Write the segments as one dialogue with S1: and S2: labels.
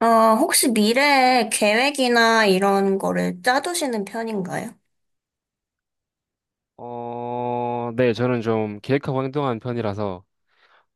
S1: 어, 혹시 미래에 계획이나 이런 거를 짜두시는 편인가요?
S2: 네, 저는 좀 계획하고 행동하는 편이라서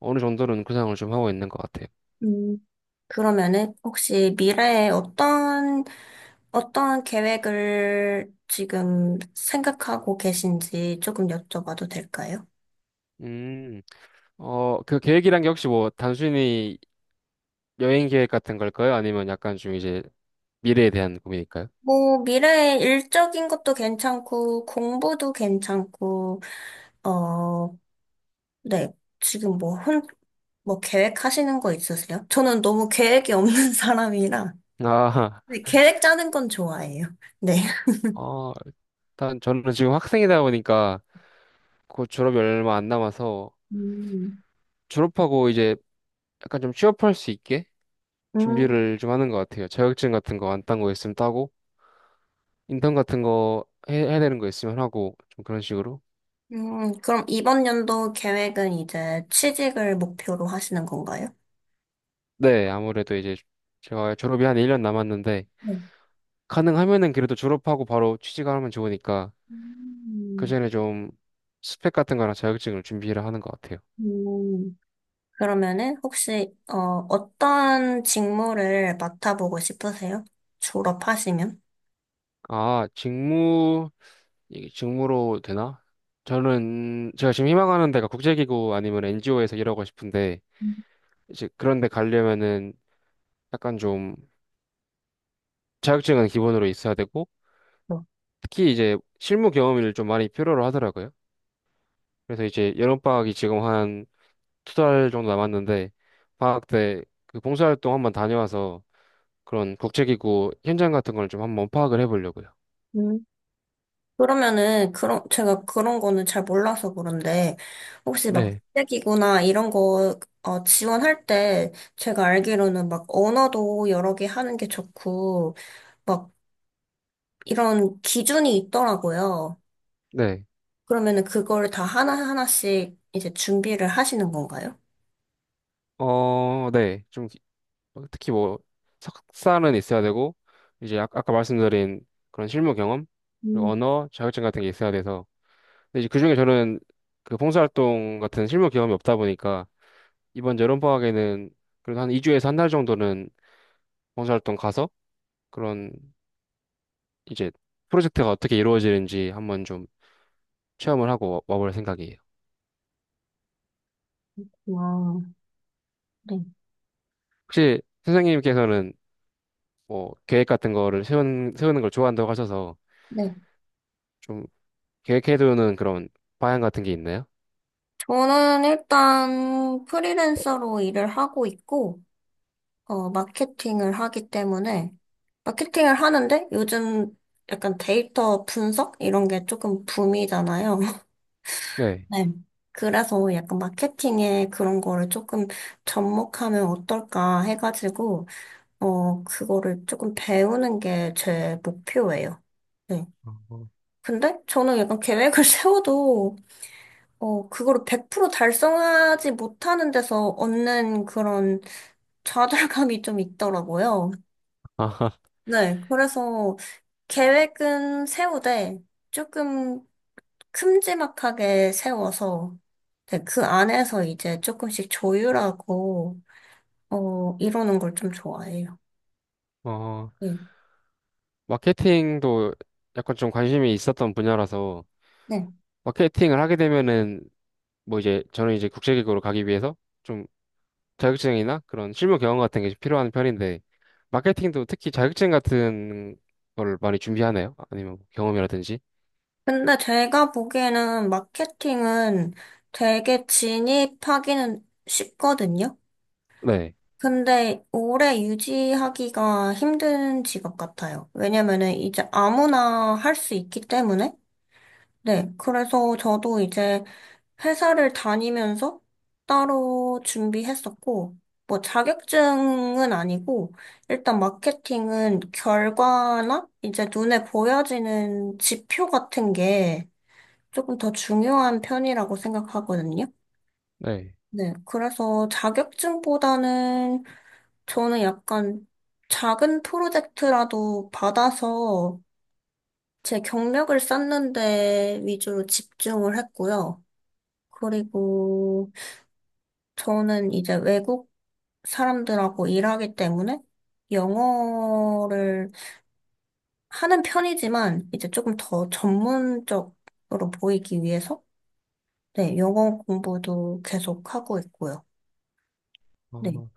S2: 어느 정도는 구상을 좀 하고 있는 것 같아요.
S1: 음, 그러면은 혹시 미래에 어떤 계획을 지금 생각하고 계신지 조금 여쭤봐도 될까요?
S2: 음, 그 계획이란 게 혹시 뭐 단순히 여행 계획 같은 걸까요? 아니면 약간 좀 이제 미래에 대한 고민일까요?
S1: 뭐, 미래에 일적인 것도 괜찮고, 공부도 괜찮고, 어, 네. 지금 뭐 계획하시는 거 있으세요? 저는 너무 계획이 없는 사람이라,
S2: 아,
S1: 네, 계획 짜는 건 좋아해요. 네.
S2: 어, 일단 저는 지금 학생이다 보니까 곧 졸업이 얼마 안 남아서
S1: 음.
S2: 졸업하고 이제 약간 좀 취업할 수 있게
S1: 음,
S2: 준비를 좀 하는 것 같아요. 자격증 같은 거 안 딴 거 있으면 따고, 인턴 같은 거 해야 되는 거 있으면 하고, 좀 그런 식으로.
S1: 그럼 이번 연도 계획은 이제 취직을 목표로 하시는 건가요?
S2: 네, 아무래도 이제 제가 졸업이 한 1년 남았는데
S1: 네.
S2: 가능하면은 그래도 졸업하고 바로 취직을 하면 좋으니까 그
S1: 음.
S2: 전에 좀 스펙 같은 거랑 자격증을 준비를 하는 것 같아요.
S1: 음. 그러면은 혹시 어떤 직무를 맡아보고 싶으세요? 졸업하시면?
S2: 아, 직무 이게 직무로 되나? 저는 제가 지금 희망하는 데가 국제기구 아니면 NGO에서 일하고 싶은데
S1: 음.
S2: 이제 그런 데 가려면은 약간 좀 자격증은 기본으로 있어야 되고
S1: 어.
S2: 특히 이제 실무 경험을 좀 많이 필요로 하더라고요. 그래서 이제 여름방학이 지금 두 달 정도 남았는데 방학 때 그 봉사활동 한번 다녀와서 그런 국제기구 현장 같은 걸 좀 한번 파악을 해보려고요.
S1: 음. 그러면은 그런 제가 그런 거는 잘 몰라서 그런데 혹시 막
S2: 네.
S1: 국제기구나 이런 거 지원할 때 제가 알기로는 막 언어도 여러 개 하는 게 좋고 이런 기준이 있더라고요.
S2: 네.
S1: 그러면은 그거를 다 하나하나씩 이제 준비를 하시는 건가요?
S2: 어, 네. 좀 특히 뭐 석사는 있어야 되고 이제 아까 말씀드린 그런 실무 경험 그리고
S1: 음,
S2: 언어 자격증 같은 게 있어야 돼서 근데 이제 그중에 저는 그 봉사활동 같은 실무 경험이 없다 보니까 이번 여름 방학에는 그래도 한 2주에서 한 달 정도는 봉사활동 가서 그런 이제 프로젝트가 어떻게 이루어지는지 한번 좀 체험을 하고 볼 생각이에요.
S1: 와, 네.
S2: 혹시 선생님께서는 뭐 계획 같은 거를 세우는 걸 좋아한다고 하셔서
S1: 네.
S2: 좀 계획해두는 그런 방향 같은 게 있나요?
S1: 저는 일단 프리랜서로 일을 하고 있고, 어, 마케팅을 하기 때문에, 마케팅을 하는데 요즘 약간 데이터 분석? 이런 게 조금 붐이잖아요.
S2: 네.
S1: 네. 그래서 약간 마케팅에 그런 거를 조금 접목하면 어떨까 해가지고, 그거를 조금 배우는 게 제 목표예요. 네.
S2: 어,
S1: 근데 저는 약간 계획을 세워도, 그거를 100% 달성하지 못하는 데서 얻는 그런 좌절감이 좀 있더라고요.
S2: 아하.
S1: 네. 그래서 계획은 세우되 조금 큼지막하게 세워서, 네, 그 안에서 이제 조금씩 조율하고, 이러는 걸 좀 좋아해요.
S2: 어,
S1: 예.
S2: 마케팅도 약간 좀 관심이 있었던 분야라서
S1: 네.
S2: 마케팅을 하게 되면은 뭐 이제 저는 이제 국제기구로 가기 위해서 좀 자격증이나 그런 실무 경험 같은 게 필요한 편인데 마케팅도 특히 자격증 같은 걸 많이 준비하나요? 아니면 뭐 경험이라든지?
S1: 근데 제가 보기에는 마케팅은 되게 진입하기는 쉽거든요.
S2: 네.
S1: 근데 오래 유지하기가 힘든 직업 같아요. 왜냐면은 이제 아무나 할 수 있기 때문에. 네. 그래서 저도 이제 회사를 다니면서 따로 준비했었고, 뭐 자격증은 아니고, 일단 마케팅은 결과나 이제 눈에 보여지는 지표 같은 게 조금 더 중요한 편이라고 생각하거든요.
S2: 네.
S1: 네, 그래서 자격증보다는 저는 약간 작은 프로젝트라도 받아서 제 경력을 쌓는 데 위주로 집중을 했고요. 그리고 저는 이제 외국 사람들하고 일하기 때문에 영어를 하는 편이지만 이제 조금 더 전문적으로 보이기 위해서, 네, 영어 공부도 계속 하고 있고요. 네.
S2: 어.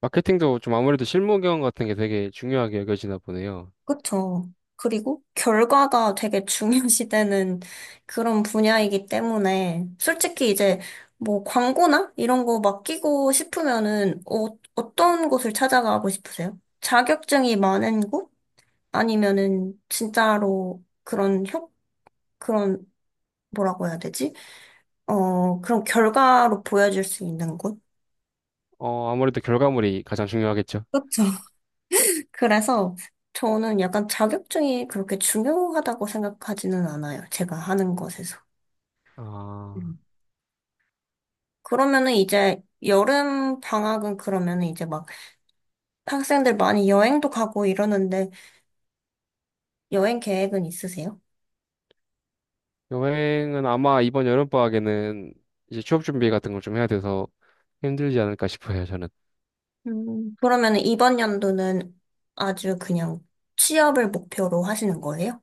S2: 마케팅도 좀 아무래도 실무 경험 같은 게 되게 중요하게 여겨지나 보네요.
S1: 그쵸. 그리고 결과가 되게 중요시되는 그런 분야이기 때문에 솔직히 이제 뭐 광고나 이런 거 맡기고 싶으면은 어떤 곳을 찾아가고 싶으세요? 자격증이 많은 곳? 아니면은 진짜로 그런, 뭐라고 해야 되지? 그런 결과로 보여줄 수 있는 곳?
S2: 아무래도 결과물이 가장 중요하겠죠.
S1: 그렇죠. 그래서 저는 약간 자격증이 그렇게 중요하다고 생각하지는 않아요. 제가 하는 것에서.
S2: 아,
S1: 그러면은 이제 여름 방학은 그러면은 이제 막 학생들 많이 여행도 가고 이러는데 여행 계획은 있으세요?
S2: 여행은 아마 이번 여름방학에는 이제 취업 준비 같은 걸 좀 해야 돼서 힘들지 않을까 싶어요, 저는.
S1: 음. 그러면은 이번 연도는 아주 그냥 취업을 목표로 하시는 거예요?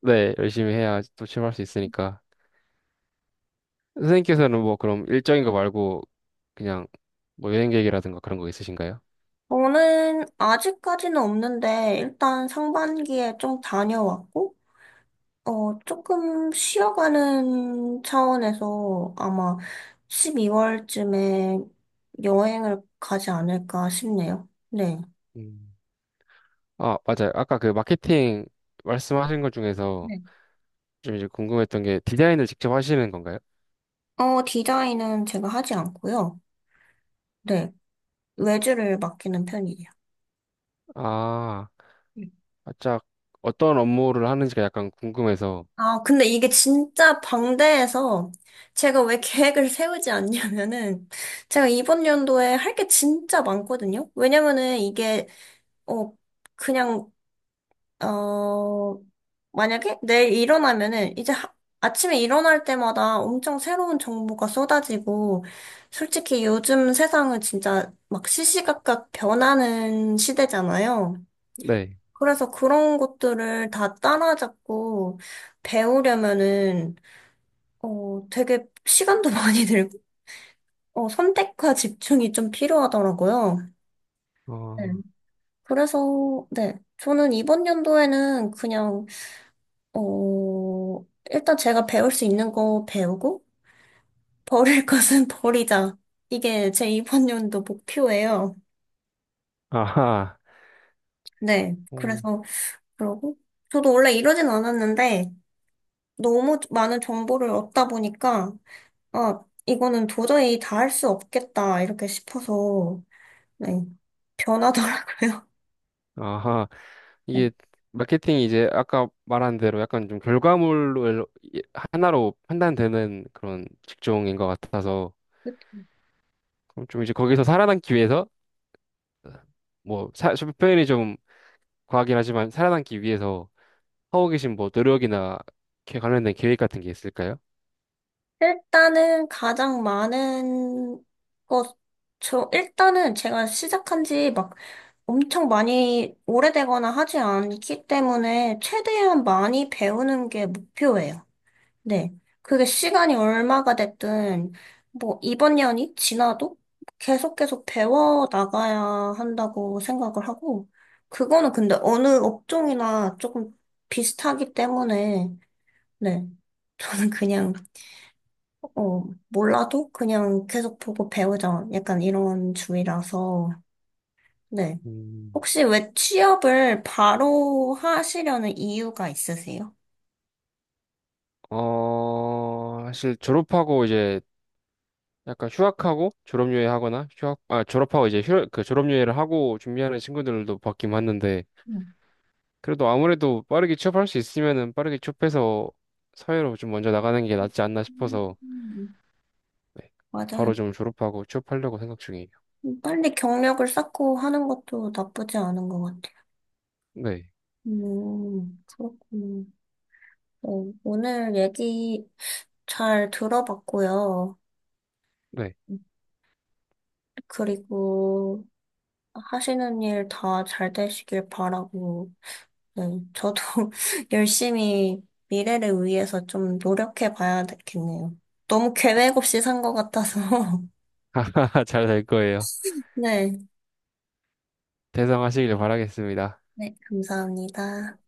S2: 네, 열심히 해야 또 취업할 수 있으니까. 선생님께서는 뭐 그럼 일정인 거 말고 그냥 뭐 여행 계획이라든가 그런 거 있으신가요?
S1: 저는 아직까지는 없는데 일단 상반기에 좀 다녀왔고, 어, 조금 쉬어가는 차원에서 아마 12월쯤에 여행을 가지 않을까 싶네요. 네.
S2: 음. 아, 맞아요. 아까 그 마케팅 말씀하신 것 중에서 좀 이제 궁금했던 게 디자인을 직접 하시는 건가요?
S1: 어, 디자인은 제가 하지 않고요. 네, 외주를 맡기는 편이에요.
S2: 아.
S1: 음.
S2: 살짝 어떤 업무를 하는지가 약간 궁금해서.
S1: 아, 근데 이게 진짜 방대해서 제가 왜 계획을 세우지 않냐면은 제가 이번 연도에 할 게 진짜 많거든요. 왜냐면은 이게 어 그냥 어 만약에 내일 일어나면은 아침에 일어날 때마다 엄청 새로운 정보가 쏟아지고 솔직히 요즘 세상은 진짜 막 시시각각 변하는 시대잖아요.
S2: 네.
S1: 그래서 그런 것들을 다 따라잡고 배우려면은, 되게 시간도 많이 들고, 선택과 집중이 좀 필요하더라고요. 네.
S2: 어,
S1: 그래서, 네. 저는 이번 연도에는 그냥, 일단 제가 배울 수 있는 거 배우고, 버릴 것은 버리자. 이게 제 이번 연도 목표예요.
S2: 아하.
S1: 네.
S2: 오.
S1: 그래서, 그러고, 저도 원래 이러진 않았는데, 너무 많은 정보를 얻다 보니까, 아, 이거는 도저히 다 할 수 없겠다, 이렇게 싶어서, 네, 변하더라고요.
S2: 아하. 이게 마케팅이 이제 아까 말한 대로 약간 좀 결과물을 하나로 판단되는 그런 직종인 것 같아서
S1: 네.
S2: 그럼 좀 이제 거기서 살아남기 위해서 뭐 좀 표현이 좀 과하긴 하지만 살아남기 위해서 하고 계신 뭐 노력이나 이렇게 관련된 계획 같은 게 있을까요?
S1: 일단은 가장 많은 것, 저, 일단은 제가 시작한 지 막 엄청 많이 오래되거나 하지 않기 때문에 최대한 많이 배우는 게 목표예요. 네. 그게 시간이 얼마가 됐든, 뭐, 이번 년이 지나도 계속 배워 나가야 한다고 생각을 하고, 그거는 근데 어느 업종이나 조금 비슷하기 때문에, 네. 저는 그냥, 어, 몰라도 그냥 계속 보고 배우자. 약간 이런 주의라서, 네.
S2: 음.
S1: 혹시 왜 취업을 바로 하시려는 이유가 있으세요?
S2: 사실 졸업하고 이제 약간 휴학하고 졸업여행 하거나 휴학 아 졸업하고 이제 그 졸업여행을 하고 준비하는 친구들도 봤긴 봤는데
S1: 음.
S2: 그래도 아무래도 빠르게 취업할 수 있으면은 빠르게 취업해서 사회로 좀 먼저 나가는 게 낫지 않나 싶어서
S1: 음.
S2: 네, 바로
S1: 맞아요.
S2: 좀 졸업하고 취업하려고 생각 중이에요.
S1: 빨리 경력을 쌓고 하는 것도 나쁘지 않은 것 같아.
S2: 네,
S1: 그렇군요. 어, 오늘 얘기 잘 들어봤고요.
S2: 네,
S1: 그리고 하시는 일 다 잘 되시길 바라고, 네, 저도 열심히 미래를 위해서 좀 노력해 봐야 되겠네요. 너무 계획 없이 산 것 같아서.
S2: 잘 될 거예요.
S1: 네,
S2: 대성하시길 바라겠습니다.
S1: 네, 감사합니다.